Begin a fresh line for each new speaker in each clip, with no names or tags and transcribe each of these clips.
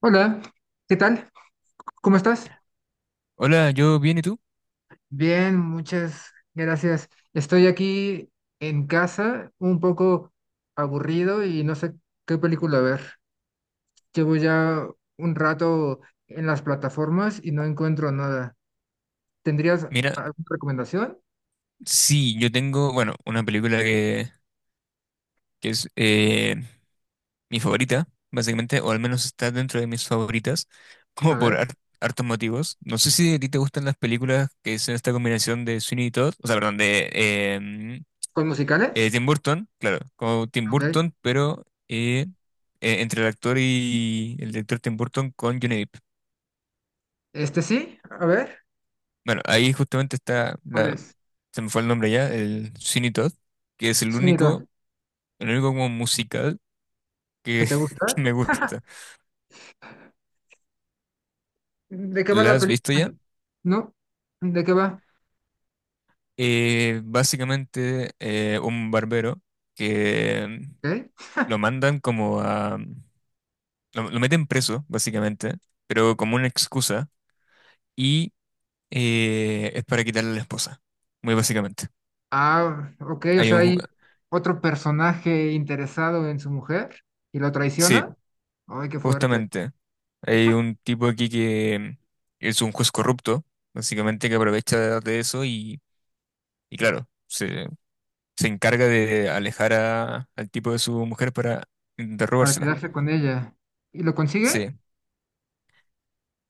Hola, ¿qué tal? ¿Cómo estás?
Hola, yo bien, ¿y tú?
Bien, muchas gracias. Estoy aquí en casa, un poco aburrido y no sé qué película ver. Llevo ya un rato en las plataformas y no encuentro nada. ¿Tendrías
Mira,
alguna recomendación?
sí, yo tengo, bueno, una película que es mi favorita, básicamente, o al menos está dentro de mis favoritas, como
A ver,
hartos motivos. No sé si a ti te gustan las películas que es esta combinación de Sweeney y Todd, o sea, perdón, de em,
¿con musicales?
Tim Burton, claro, como Tim
Ok.
Burton, pero entre el actor y el director Tim Burton con Johnny Depp.
¿Este sí? A ver,
Bueno, ahí justamente está,
¿cuál
la,
es?
se me fue el nombre ya, el Sweeney Todd, que es el
Sonido,
único, el único como musical
¿que
que,
te
que
gusta?
me gusta.
¿De qué va
¿La
la
has visto ya?
película? ¿No? ¿De qué va?
Básicamente un barbero que
¿Ok?
lo mandan como a... Lo meten preso, básicamente, pero como una excusa y es para quitarle a la esposa, muy básicamente.
Ah, ok, o
Hay
sea,
un...
hay otro personaje interesado en su mujer y lo
Sí,
traiciona. Ay, qué fuerte.
justamente. Hay un tipo aquí que es un juez corrupto, básicamente, que aprovecha de eso y claro, se encarga de al tipo de su mujer para intentar
Para
robársela.
quedarse con ella. ¿Y lo consigue?
Sí.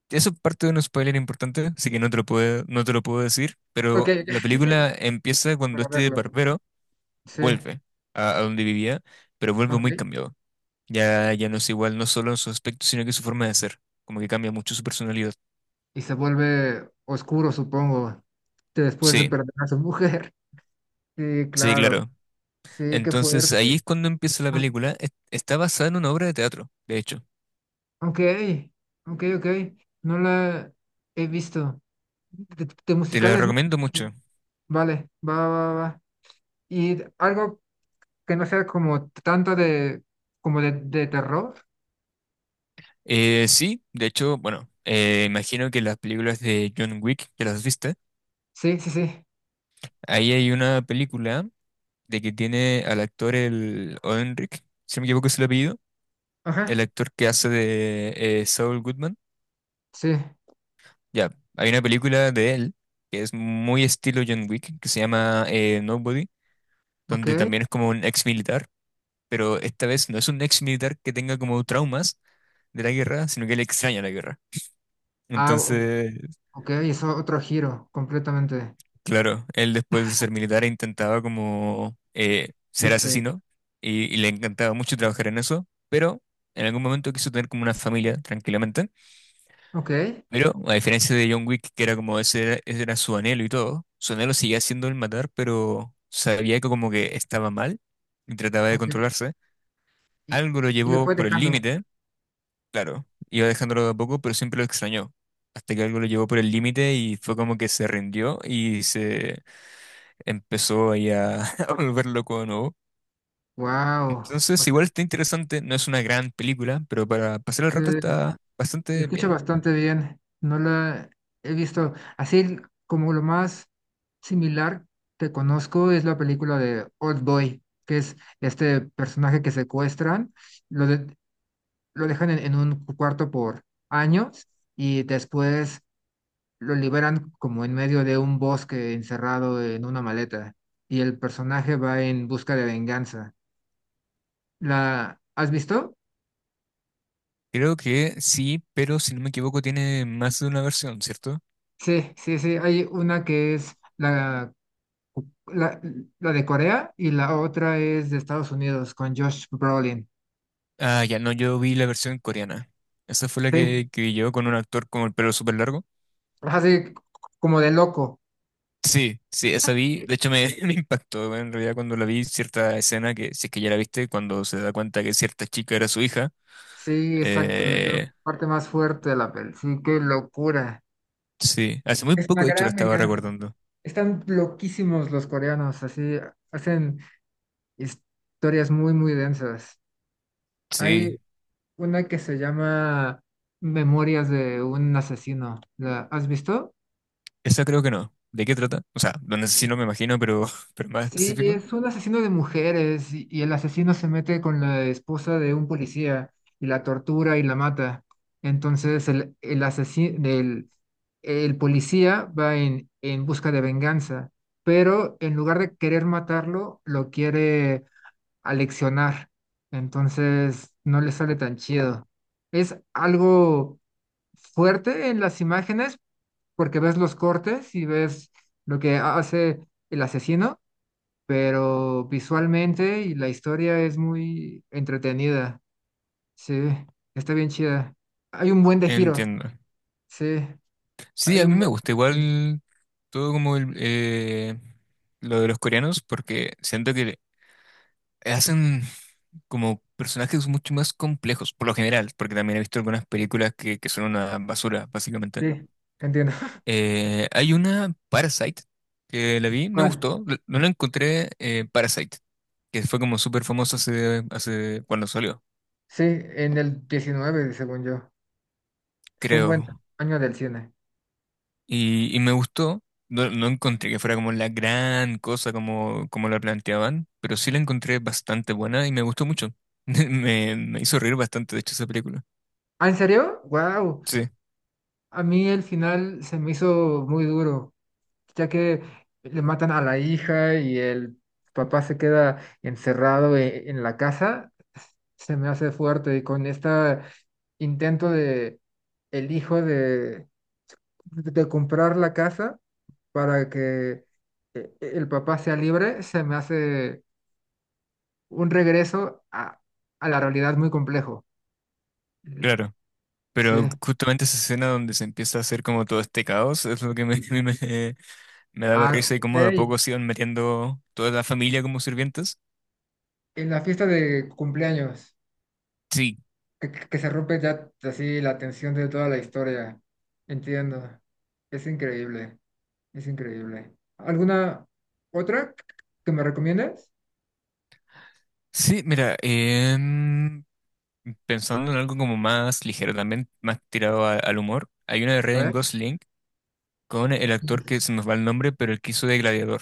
Eso es parte de un spoiler importante, así que no te lo puedo decir,
Ok,
pero la película empieza
ok,
cuando
para
este
verlo.
barbero
Sí,
vuelve a donde vivía, pero vuelve muy
ok.
cambiado. Ya, ya no es igual, no solo en su aspecto, sino que su forma de ser, como que cambia mucho su personalidad.
Y se vuelve oscuro, supongo, después de
Sí,
perder a su mujer. Sí,
sí,
claro.
claro.
Sí, qué
Entonces ahí
fuerte.
es cuando empieza la
Ah,
película. Está basada en una obra de teatro, de hecho.
ok, ok, ok. No la he visto. De
Te la
musicales no.
recomiendo mucho.
Vale, va, va, va. ¿Y algo que no sea como tanto de, como de terror?
Sí, de hecho, bueno, imagino que las películas de John Wick, que las viste,
Sí, sí, sí.
ahí hay una película de que tiene al actor el Oenric, si no me equivoco es el apellido, el
Ajá.
actor que hace de Saul Goodman.
Sí.
Ya, hay una película de él que es muy estilo John Wick, que se llama Nobody,
Ok.
donde también es como un ex militar, pero esta vez no es un ex militar que tenga como traumas de la guerra, sino que le extraña la guerra.
Ah,
Entonces,
ok, hizo otro giro completamente.
claro, él después de ser militar intentaba como ser
¿Viste?
asesino y le encantaba mucho trabajar en eso, pero en algún momento quiso tener como una familia tranquilamente,
Ok.
pero a diferencia de John Wick, que era como ese era su anhelo y todo, su anhelo seguía siendo el matar, pero sabía que como que estaba mal y trataba de
Ok.
controlarse,
Y,
algo lo
y lo
llevó
fue
por el
dejando.
límite, claro, iba dejándolo de a poco, pero siempre lo extrañó, hasta que algo lo llevó por el límite y fue como que se rindió y se empezó ahí a, a volver loco de nuevo.
Wow. O
Entonces,
sea,
igual está interesante, no es una gran película, pero para pasar el rato está
se
bastante
escucha
bien.
bastante bien. No la he visto. Así como lo más similar que conozco es la película de Old Boy, que es este personaje que secuestran, lo de- lo dejan en un cuarto por años y después lo liberan como en medio de un bosque encerrado en una maleta, y el personaje va en busca de venganza. ¿La has visto?
Creo que sí, pero si no me equivoco tiene más de una versión, ¿cierto?
Sí, sí, sí. Hay una que es la, la de Corea y la otra es de Estados Unidos con Josh Brolin.
Ah, ya no, yo vi la versión coreana. Esa fue la
Sí,
que vi yo con un actor con el pelo súper largo.
así como de loco.
Sí, sí, esa vi. De hecho, me impactó en realidad cuando la vi cierta escena que, si es que ya la viste, cuando se da cuenta que cierta chica era su hija.
Sí, exacto. Es la
Eh,
parte más fuerte de la peli. Sí, qué locura.
sí, hace muy
Es una
poco, de hecho, la
gran
estaba
venganza.
recordando.
Están loquísimos los coreanos, así hacen historias muy, muy densas. Hay
Sí,
una que se llama Memorias de un asesino. ¿La has visto?
esa creo que no. ¿De qué trata? O sea, donde sí no me imagino, pero, pero más
Sí,
específico.
es un asesino de mujeres, y el asesino se mete con la esposa de un policía y la tortura y la mata. Entonces el policía va en busca de venganza, pero en lugar de querer matarlo, lo quiere aleccionar. Entonces no le sale tan chido. Es algo fuerte en las imágenes porque ves los cortes y ves lo que hace el asesino, pero visualmente y la historia es muy entretenida. Sí, está bien chida. Hay un buen de giros.
Entiendo.
Sí,
Sí,
hay
a mí
un
me
buen
gusta
de giros.
igual todo como lo de los coreanos, porque siento que hacen como personajes mucho más complejos, por lo general, porque también he visto algunas películas que son una basura, básicamente.
Sí, entiendo.
Hay una Parasite que la vi, me
¿Cuál?
gustó, no la encontré Parasite, que fue como súper famosa hace cuando salió,
Sí, en el diecinueve según yo. Fue un buen
creo.
año del cine.
Y me gustó. No, no encontré que fuera como la gran cosa como la planteaban, pero sí la encontré bastante buena y me gustó mucho. Me hizo reír bastante, de hecho, esa película.
¿Ah, en serio? ¡Wow!
Sí,
A mí el final se me hizo muy duro, ya que le matan a la hija y el papá se queda encerrado en la casa. Se me hace fuerte, y con este intento de el hijo de comprar la casa para que el papá sea libre, se me hace un regreso a la realidad muy complejo.
claro.
Sí.
Pero justamente esa escena donde se empieza a hacer como todo este caos es lo que me daba
Ah,
risa y cómo de a
ok.
poco se iban metiendo toda la familia como sirvientas.
En la fiesta de cumpleaños.
Sí,
Que se rompe ya así la tensión de toda la historia. Entiendo. Es increíble, es increíble. ¿Alguna otra que me recomiendas?
sí, mira, pensando en algo como más ligero, también más tirado al humor, hay una de
A
Ryan
ver.
Gosling. Con el actor que se nos va el nombre, pero el que hizo de Gladiador,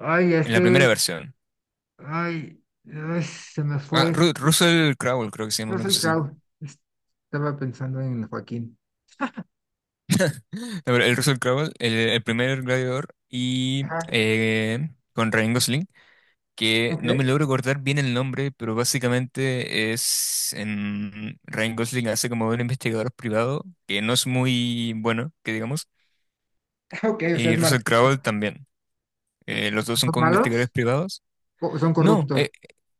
Ay,
en la
este,
primera versión.
ay, ay, se me fue.
Ah,
Es
Russell Crowe, creo que se llama, una
Russell
cosa así.
Crowe. Estaba pensando en Joaquín.
No, pero el Russell Crowe, el primer Gladiador, y
Ajá.
con Ryan Gosling, que
Ok,
no me logro acordar bien el nombre, pero básicamente es en Ryan Gosling hace como un investigador privado, que no es muy bueno, que digamos,
ok, o sea,
y
es malo.
Russell Crowe también. Los dos son
¿Son
como
malos?
investigadores privados.
¿O son
No,
corruptos?
eh,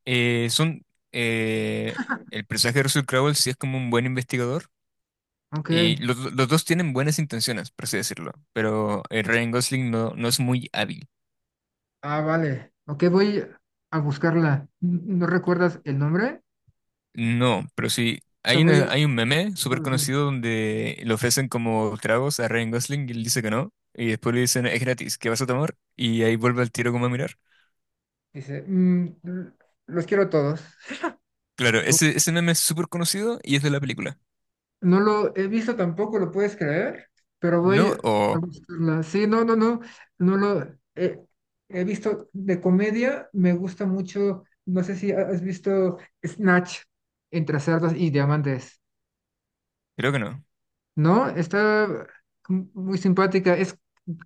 eh, son eh, el personaje de Russell Crowe sí es como un buen investigador
Ok.
y los, los dos tienen buenas intenciones, por así decirlo, pero Ryan Gosling no, no es muy hábil.
Ah, vale. Ok, voy a buscarla. ¿No recuerdas el nombre?
No, pero sí,
O sea,
hay,
voy...
hay un meme súper conocido donde le ofrecen como tragos a Ryan Gosling y él dice que no, y después le dicen es gratis, ¿qué vas a tomar? Y ahí vuelve al tiro como a mirar.
Dice, "Mm, los quiero a todos".
Claro,
No,
ese meme es súper conocido y es de la película.
no lo he visto tampoco, ¿lo puedes creer? Pero voy
No,
a
o
buscarla. Sí, no, no, no, no lo he, he visto de comedia. Me gusta mucho, no sé si has visto Snatch entre cerdos y diamantes.
creo que no.
No, está muy simpática. Es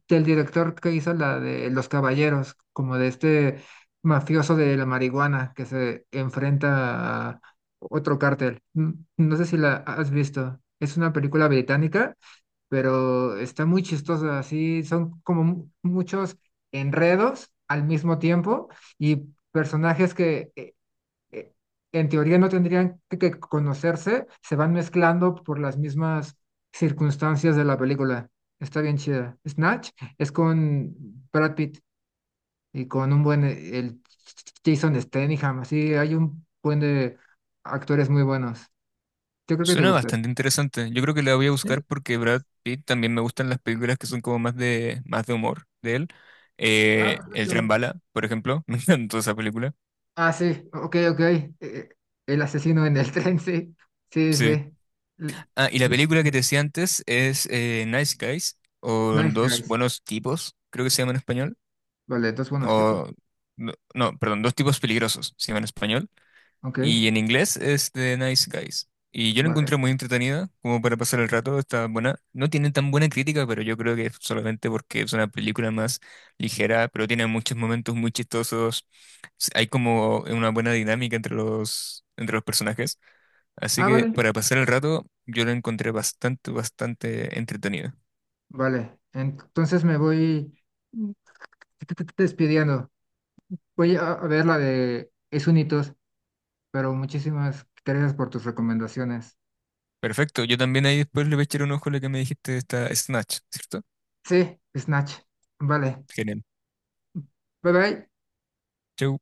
del director que hizo la de Los Caballeros, como de este mafioso de la marihuana que se enfrenta a otro cártel. No sé si la has visto. Es una película británica, pero está muy chistosa. Así son como muchos enredos al mismo tiempo, y personajes que eh, en teoría no tendrían que conocerse, se van mezclando por las mismas circunstancias de la película. Está bien chida. Snatch es con Brad Pitt y con un buen, el Jason Statham, así hay un buen de actores muy buenos. Yo creo que te
Suena
gusta.
bastante interesante. Yo creo que la voy a
Sí.
buscar porque Brad Pitt también me gustan las películas que son como más de humor de él.
Ah,
El tren
perfecto.
bala, por ejemplo. Me encantó esa película.
Ah, sí, ok, ok. Eh, el asesino en el tren, sí. Sí,
Sí.
sí. L-
Ah, y la
l-
película que te decía antes es Nice Guys o
Nice
Dos
guys.
Buenos Tipos, creo que se llama en español.
Vale, dos buenos tipos.
O, no, no, perdón, Dos Tipos Peligrosos se llama en español.
Ok,
Y en inglés es The Nice Guys. Y yo la
vale.
encontré muy entretenida, como para pasar el rato, está buena. No tiene tan buena crítica, pero yo creo que es solamente porque es una película más ligera, pero tiene muchos momentos muy chistosos. Hay como una buena dinámica entre entre los personajes. Así
Ah,
que
vale.
para pasar el rato, yo la encontré bastante entretenida.
Vale, entonces me voy mm, despidiendo. Voy a ver la de Es Unitos, pero muchísimas gracias por tus recomendaciones.
Perfecto, yo también ahí después le voy a echar un ojo a lo que me dijiste, esta Snatch, ¿cierto?
Sí, Snatch. Vale,
Genial.
bye bye.
Chau.